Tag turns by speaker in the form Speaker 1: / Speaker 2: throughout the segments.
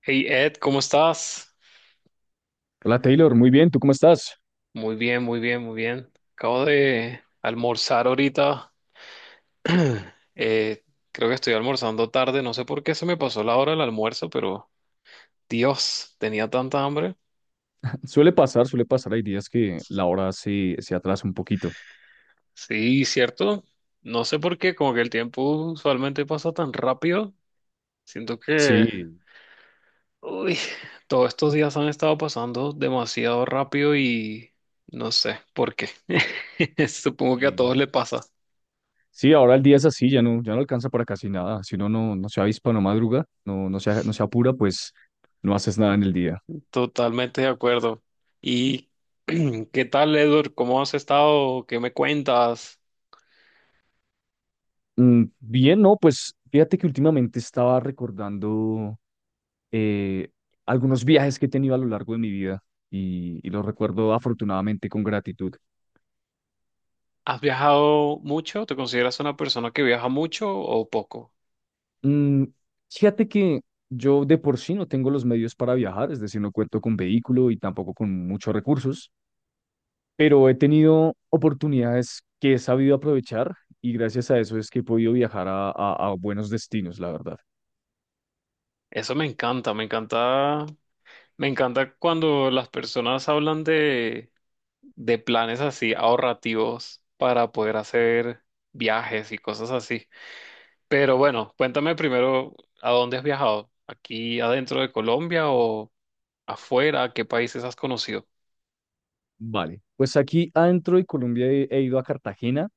Speaker 1: Hey Ed, ¿cómo estás?
Speaker 2: Hola Taylor, muy bien, ¿tú cómo estás?
Speaker 1: Muy bien, muy bien, muy bien. Acabo de almorzar ahorita. Eh, creo que estoy almorzando tarde. No sé por qué se me pasó la hora del almuerzo, pero Dios, tenía tanta hambre.
Speaker 2: Suele pasar, hay días que la hora se atrasa un poquito.
Speaker 1: Sí, cierto. No sé por qué, como que el tiempo usualmente pasa tan rápido. Siento que,
Speaker 2: Sí,
Speaker 1: uy, todos estos días han estado pasando demasiado rápido y no sé por qué. Supongo que a
Speaker 2: sí.
Speaker 1: todos le pasa.
Speaker 2: Sí, ahora el día es así, ya no, ya no alcanza para casi nada. Si uno no se avispa, no madruga, no, no se apura, pues no haces nada en el día.
Speaker 1: Totalmente de acuerdo. ¿Y qué tal, Edward? ¿Cómo has estado? ¿Qué me cuentas?
Speaker 2: Bien, no, pues fíjate que últimamente estaba recordando eh, algunos viajes que he tenido a lo largo de mi vida y los recuerdo afortunadamente con gratitud.
Speaker 1: ¿Has viajado mucho? ¿Te consideras una persona que viaja mucho o poco?
Speaker 2: Mm, Fíjate que yo de por sí no tengo los medios para viajar, es decir, no cuento con vehículo y tampoco con muchos recursos, pero he tenido oportunidades que he sabido aprovechar y gracias a eso es que he podido viajar a buenos destinos, la verdad.
Speaker 1: Eso me encanta, me encanta, me encanta cuando las personas hablan de planes así ahorrativos para poder hacer viajes y cosas así. Pero bueno, cuéntame primero, ¿a dónde has viajado? ¿Aquí adentro de Colombia o afuera? ¿Qué países has conocido?
Speaker 2: Vale, pues aquí adentro de Colombia he ido a Cartagena,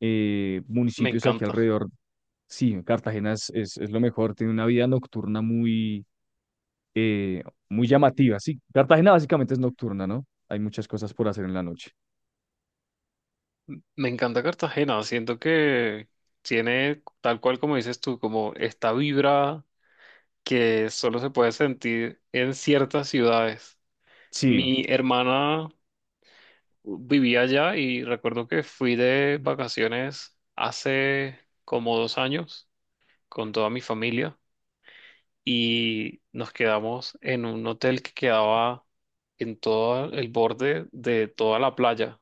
Speaker 1: Me
Speaker 2: municipios aquí
Speaker 1: encanta.
Speaker 2: alrededor. Sí, Cartagena es lo mejor, tiene una vida nocturna muy, eh, muy llamativa. Sí, Cartagena básicamente es nocturna, ¿no? Hay muchas cosas por hacer en la noche.
Speaker 1: Me encanta Cartagena, siento que tiene, tal cual como dices tú, como esta vibra que solo se puede sentir en ciertas ciudades.
Speaker 2: Sí,
Speaker 1: Mi hermana vivía allá y recuerdo que fui de vacaciones hace como 2 años con toda mi familia y nos quedamos en un hotel que quedaba en todo el borde de toda la playa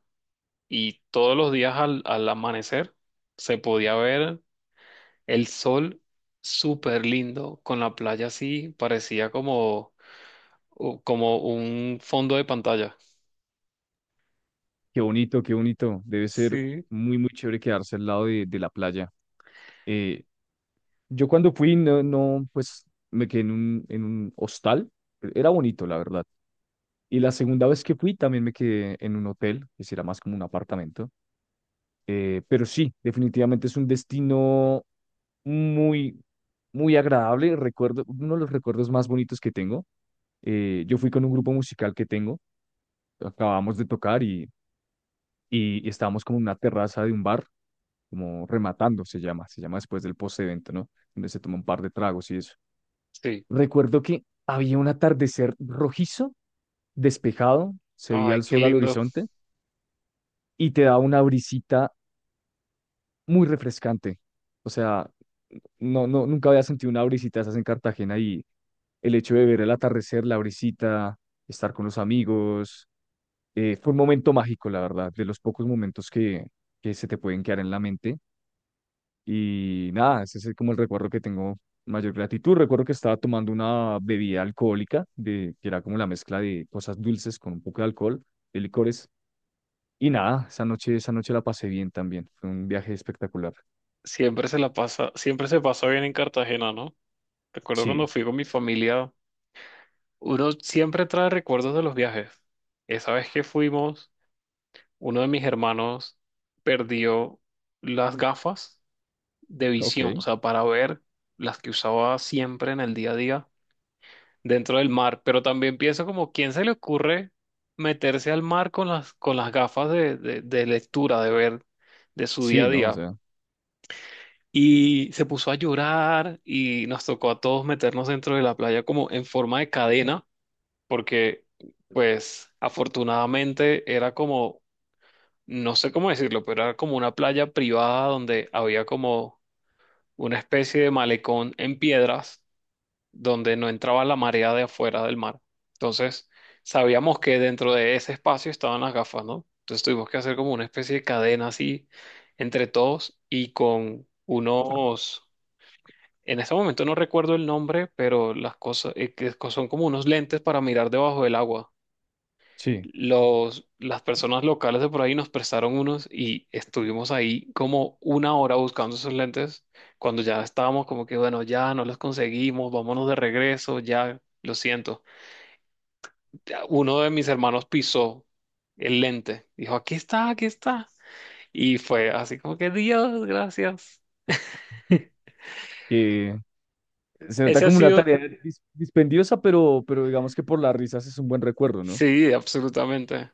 Speaker 1: y todos los días al amanecer se podía ver el sol súper lindo, con la playa así, parecía como, como un fondo de pantalla.
Speaker 2: qué bonito, qué bonito. Debe ser
Speaker 1: Sí,
Speaker 2: muy, muy chévere quedarse al lado de la playa. Eh, yo cuando fui, no, no, pues me quedé en un hostal. Era bonito, la verdad. Y la segunda vez que fui también me quedé en un hotel, que sí era más como un apartamento. Pero sí, definitivamente es un destino muy, muy agradable. Recuerdo, uno de los recuerdos más bonitos que tengo. Yo fui con un grupo musical que tengo. Acabamos de tocar y estábamos como en una terraza de un bar, como rematando se llama después del post-evento, ¿no? Donde se toma un par de tragos y eso.
Speaker 1: sí.
Speaker 2: Recuerdo que había un atardecer rojizo, despejado, se veía
Speaker 1: Ay,
Speaker 2: el
Speaker 1: qué
Speaker 2: sol al
Speaker 1: lindo.
Speaker 2: horizonte y te daba una brisita muy refrescante. O sea, no, no, nunca había sentido una brisita de esas en Cartagena y el hecho de ver el atardecer, la brisita, estar con los amigos, fue un momento mágico, la verdad, de los pocos momentos que se te pueden quedar en la mente. Y nada, ese es como el recuerdo que tengo mayor gratitud. Recuerdo que estaba tomando una bebida alcohólica, que era como la mezcla de cosas dulces con un poco de alcohol, de licores. Y nada, esa noche la pasé bien también. Fue un viaje espectacular.
Speaker 1: Siempre se la pasa, siempre se pasa bien en Cartagena, ¿no? Recuerdo cuando
Speaker 2: Sí,
Speaker 1: fui con mi familia, uno siempre trae recuerdos de los viajes. Esa vez que fuimos, uno de mis hermanos perdió las gafas de
Speaker 2: ok.
Speaker 1: visión, o sea, para ver las que usaba siempre en el día a día dentro del mar, pero también pienso como, ¿quién se le ocurre meterse al mar con las gafas de lectura, de ver, de su día
Speaker 2: Sí,
Speaker 1: a
Speaker 2: ¿no? O
Speaker 1: día?
Speaker 2: sea,
Speaker 1: Y se puso a llorar y nos tocó a todos meternos dentro de la playa como en forma de cadena, porque pues afortunadamente era como, no sé cómo decirlo, pero era como una playa privada donde había como una especie de malecón en piedras donde no entraba la marea de afuera del mar. Entonces, sabíamos que dentro de ese espacio estaban las gafas, ¿no? Entonces tuvimos que hacer como una especie de cadena así entre todos y con unos, en este momento no recuerdo el nombre, pero las cosas que son como unos lentes para mirar debajo del agua.
Speaker 2: sí.
Speaker 1: Las personas locales de por ahí nos prestaron unos y estuvimos ahí como 1 hora buscando esos lentes. Cuando ya estábamos como que, bueno, ya no los conseguimos, vámonos de regreso, ya, lo siento. Ya, uno de mis hermanos pisó el lente, dijo, aquí está, aquí está. Y fue así como que, Dios, gracias.
Speaker 2: Que se nota
Speaker 1: Ese ha
Speaker 2: como una
Speaker 1: sido,
Speaker 2: tarea dispendiosa, pero digamos que por las risas es un buen recuerdo, ¿no?
Speaker 1: sí, absolutamente.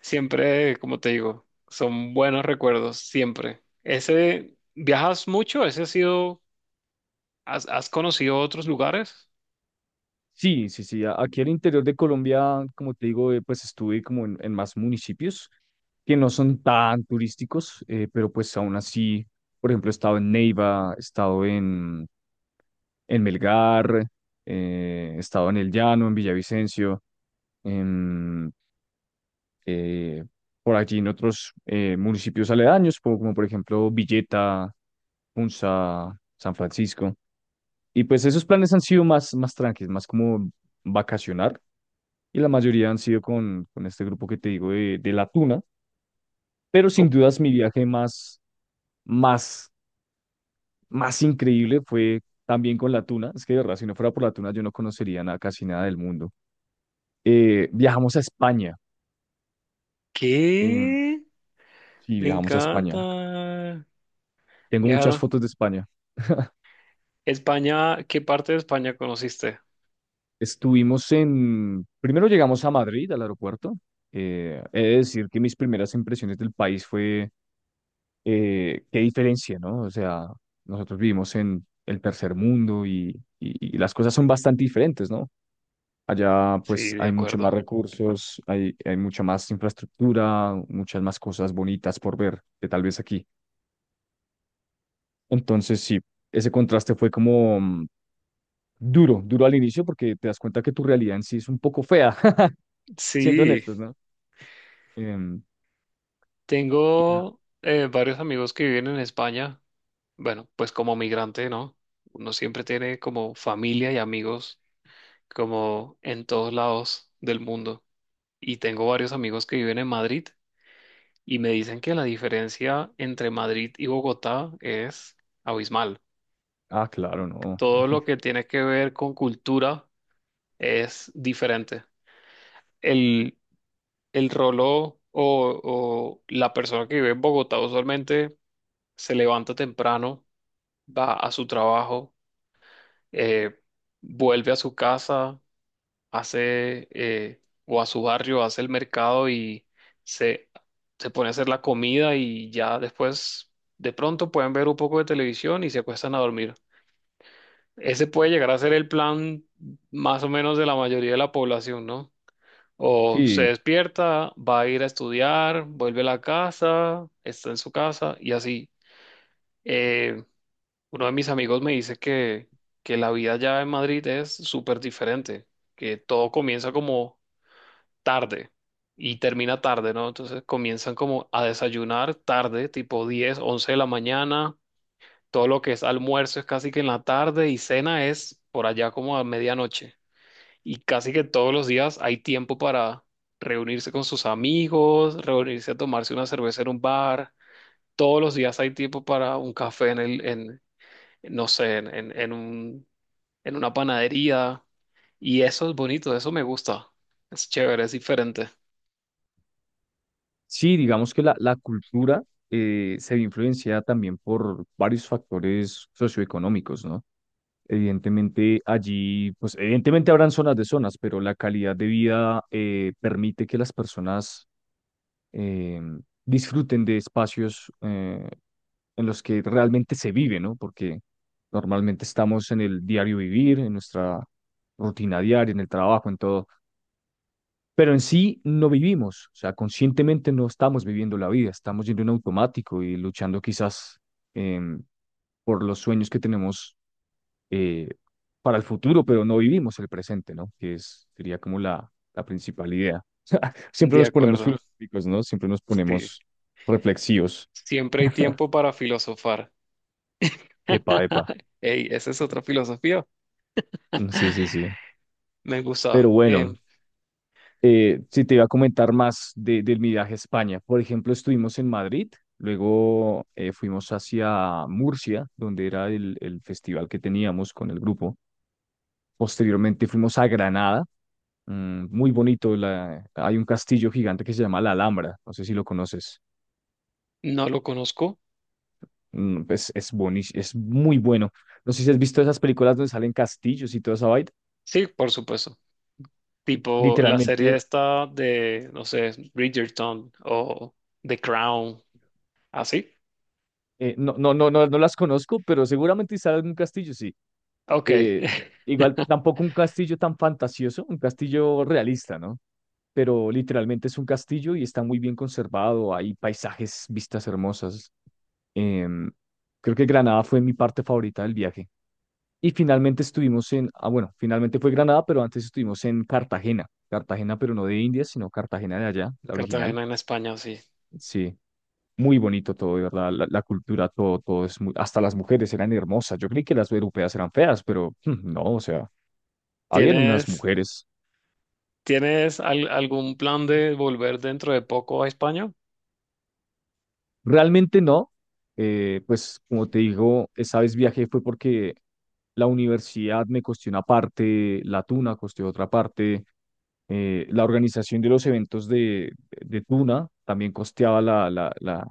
Speaker 1: Siempre, como te digo, son buenos recuerdos, siempre. Ese, ¿viajas mucho? Ese ha sido, ¿has, has conocido otros lugares?
Speaker 2: Sí, sí, sí. Aquí al interior de Colombia, como te digo, pues estuve como en más municipios que no son tan turísticos, pero pues aún así, por ejemplo, he estado en Neiva, he estado en Melgar, he estado en El Llano, en Villavicencio, en, eh, por allí en otros municipios aledaños, como por ejemplo Villeta, Punza, San Francisco. Y pues esos planes han sido más tranquilos, más como vacacionar y la mayoría han sido con este grupo que te digo de La Tuna, pero sin
Speaker 1: ¿Cómo?
Speaker 2: dudas mi viaje más, más increíble fue también con La Tuna, es que de verdad, si no fuera por La Tuna yo no conocería nada, casi nada del mundo. Viajamos a España, eh,
Speaker 1: ¿Qué?
Speaker 2: sí,
Speaker 1: Me
Speaker 2: viajamos a España,
Speaker 1: encanta.
Speaker 2: tengo muchas
Speaker 1: Viajaron.
Speaker 2: fotos de España.
Speaker 1: España, ¿qué parte de España conociste?
Speaker 2: Estuvimos primero llegamos a Madrid, al aeropuerto, he de decir que mis primeras impresiones del país fue qué diferencia, ¿no? O sea, nosotros vivimos en el tercer mundo y las cosas son bastante diferentes, ¿no? Allá
Speaker 1: Sí,
Speaker 2: pues
Speaker 1: de
Speaker 2: hay mucho más
Speaker 1: acuerdo.
Speaker 2: recursos, hay mucha más infraestructura, muchas más cosas bonitas por ver que tal vez aquí. Entonces sí, ese contraste fue como duro, duro al inicio porque te das cuenta que tu realidad en sí es un poco fea, siendo
Speaker 1: Sí,
Speaker 2: honestos, ¿no? Em, y-
Speaker 1: tengo varios amigos que viven en España. Bueno, pues como migrante, ¿no? Uno siempre tiene como familia y amigos como en todos lados del mundo. Y tengo varios amigos que viven en Madrid y me dicen que la diferencia entre Madrid y Bogotá es abismal.
Speaker 2: ah, claro, no.
Speaker 1: Todo lo que tiene que ver con cultura es diferente. El, el rolo o la persona que vive en Bogotá usualmente se levanta temprano, va a su trabajo, eh, vuelve a su casa, hace o a su barrio, hace el mercado y se, se pone a hacer la comida y ya después de pronto pueden ver un poco de televisión y se acuestan a dormir. Ese puede llegar a ser el plan más o menos de la mayoría de la población, ¿no? O se
Speaker 2: Sí,
Speaker 1: despierta, va a ir a estudiar, vuelve a la casa, está en su casa y así. Eh, uno de mis amigos me dice que la vida ya en Madrid es súper diferente, que todo comienza como tarde y termina tarde, ¿no? Entonces comienzan como a desayunar tarde, tipo 10 11 de la mañana. Todo lo que es almuerzo es casi que en la tarde y cena es por allá como a medianoche. Y casi que todos los días hay tiempo para reunirse con sus amigos, reunirse a tomarse una cerveza en un bar. Todos los días hay tiempo para un café en no sé, en una panadería. Y eso es bonito, eso me gusta. Es chévere, es diferente.
Speaker 2: sí, digamos que la cultura se ve influenciada también por varios factores socioeconómicos, ¿no? Evidentemente allí, pues evidentemente habrán zonas de zonas, pero la calidad de vida permite que las personas eh, disfruten de espacios en los que realmente se vive, ¿no? Porque normalmente estamos en el diario vivir, en nuestra rutina diaria, en el trabajo, en todo, pero en sí no vivimos, o sea, conscientemente no estamos viviendo la vida, estamos yendo en automático y luchando quizás em, por los sueños que tenemos eh, para el futuro, pero no vivimos el presente, ¿no? Que es, sería como la principal idea. Siempre
Speaker 1: De
Speaker 2: nos ponemos
Speaker 1: acuerdo.
Speaker 2: filosóficos, ¿no? Siempre nos
Speaker 1: Sí.
Speaker 2: ponemos reflexivos.
Speaker 1: Siempre hay tiempo para filosofar.
Speaker 2: Epa, epa.
Speaker 1: Ey, esa es otra filosofía.
Speaker 2: Mm, sí, sí, sí.
Speaker 1: Me
Speaker 2: Pero
Speaker 1: gusta.
Speaker 2: bueno, sí, te iba a comentar más del mi viaje a España. Por ejemplo, estuvimos en Madrid, luego fuimos hacia Murcia, donde era el festival que teníamos con el grupo. Posteriormente fuimos a Granada, muy bonito. Hay un castillo gigante que se llama La Alhambra, no sé si lo conoces.
Speaker 1: No lo conozco.
Speaker 2: Pues es muy bueno. No sé si has visto esas películas donde salen castillos y toda esa vaina.
Speaker 1: Sí, por supuesto. Tipo la serie
Speaker 2: Literalmente,
Speaker 1: esta de, no sé, Bridgerton o The Crown, así.
Speaker 2: no, no, no, no, no las conozco, pero seguramente salen en un castillo, sí.
Speaker 1: Ok.
Speaker 2: eh, Igual tampoco un castillo tan fantasioso, un castillo realista, ¿no? Pero literalmente es un castillo y está muy bien conservado, hay paisajes, vistas hermosas. Em, Creo que Granada fue mi parte favorita del viaje. Y finalmente estuvimos en, ah, bueno, finalmente fue Granada, pero antes estuvimos en Cartagena. Cartagena, pero no de India, sino Cartagena de allá, la original.
Speaker 1: Cartagena en España, sí.
Speaker 2: Sí, muy bonito todo, de verdad. La cultura, todo, todo es muy, hasta las mujeres eran hermosas. Yo creí que las europeas eran feas, pero no, o sea, habían unas
Speaker 1: ¿Tienes,
Speaker 2: mujeres.
Speaker 1: tienes algún plan de volver dentro de poco a España?
Speaker 2: Realmente no. Pues como te digo, esa vez viajé fue porque la universidad me costó una parte, la Tuna costó otra parte, la organización de los eventos de Tuna también costeaba la, la, la,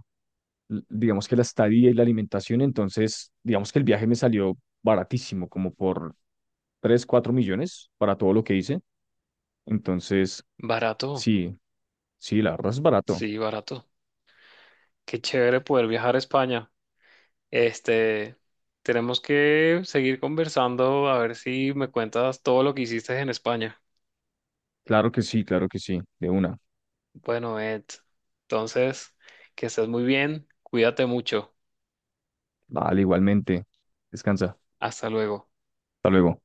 Speaker 2: l- digamos que la estadía y la alimentación, entonces digamos que el viaje me salió baratísimo, como por 3 o 4 millones para todo lo que hice, entonces
Speaker 1: Barato,
Speaker 2: sí, sí, la verdad es barato,
Speaker 1: sí, barato. Qué chévere poder viajar a España. Este, tenemos que seguir conversando a ver si me cuentas todo lo que hiciste en España.
Speaker 2: claro que sí, de una.
Speaker 1: Bueno, Ed, entonces, que estés muy bien, cuídate mucho.
Speaker 2: Vale, igualmente. Descansa.
Speaker 1: Hasta luego.
Speaker 2: Hasta luego.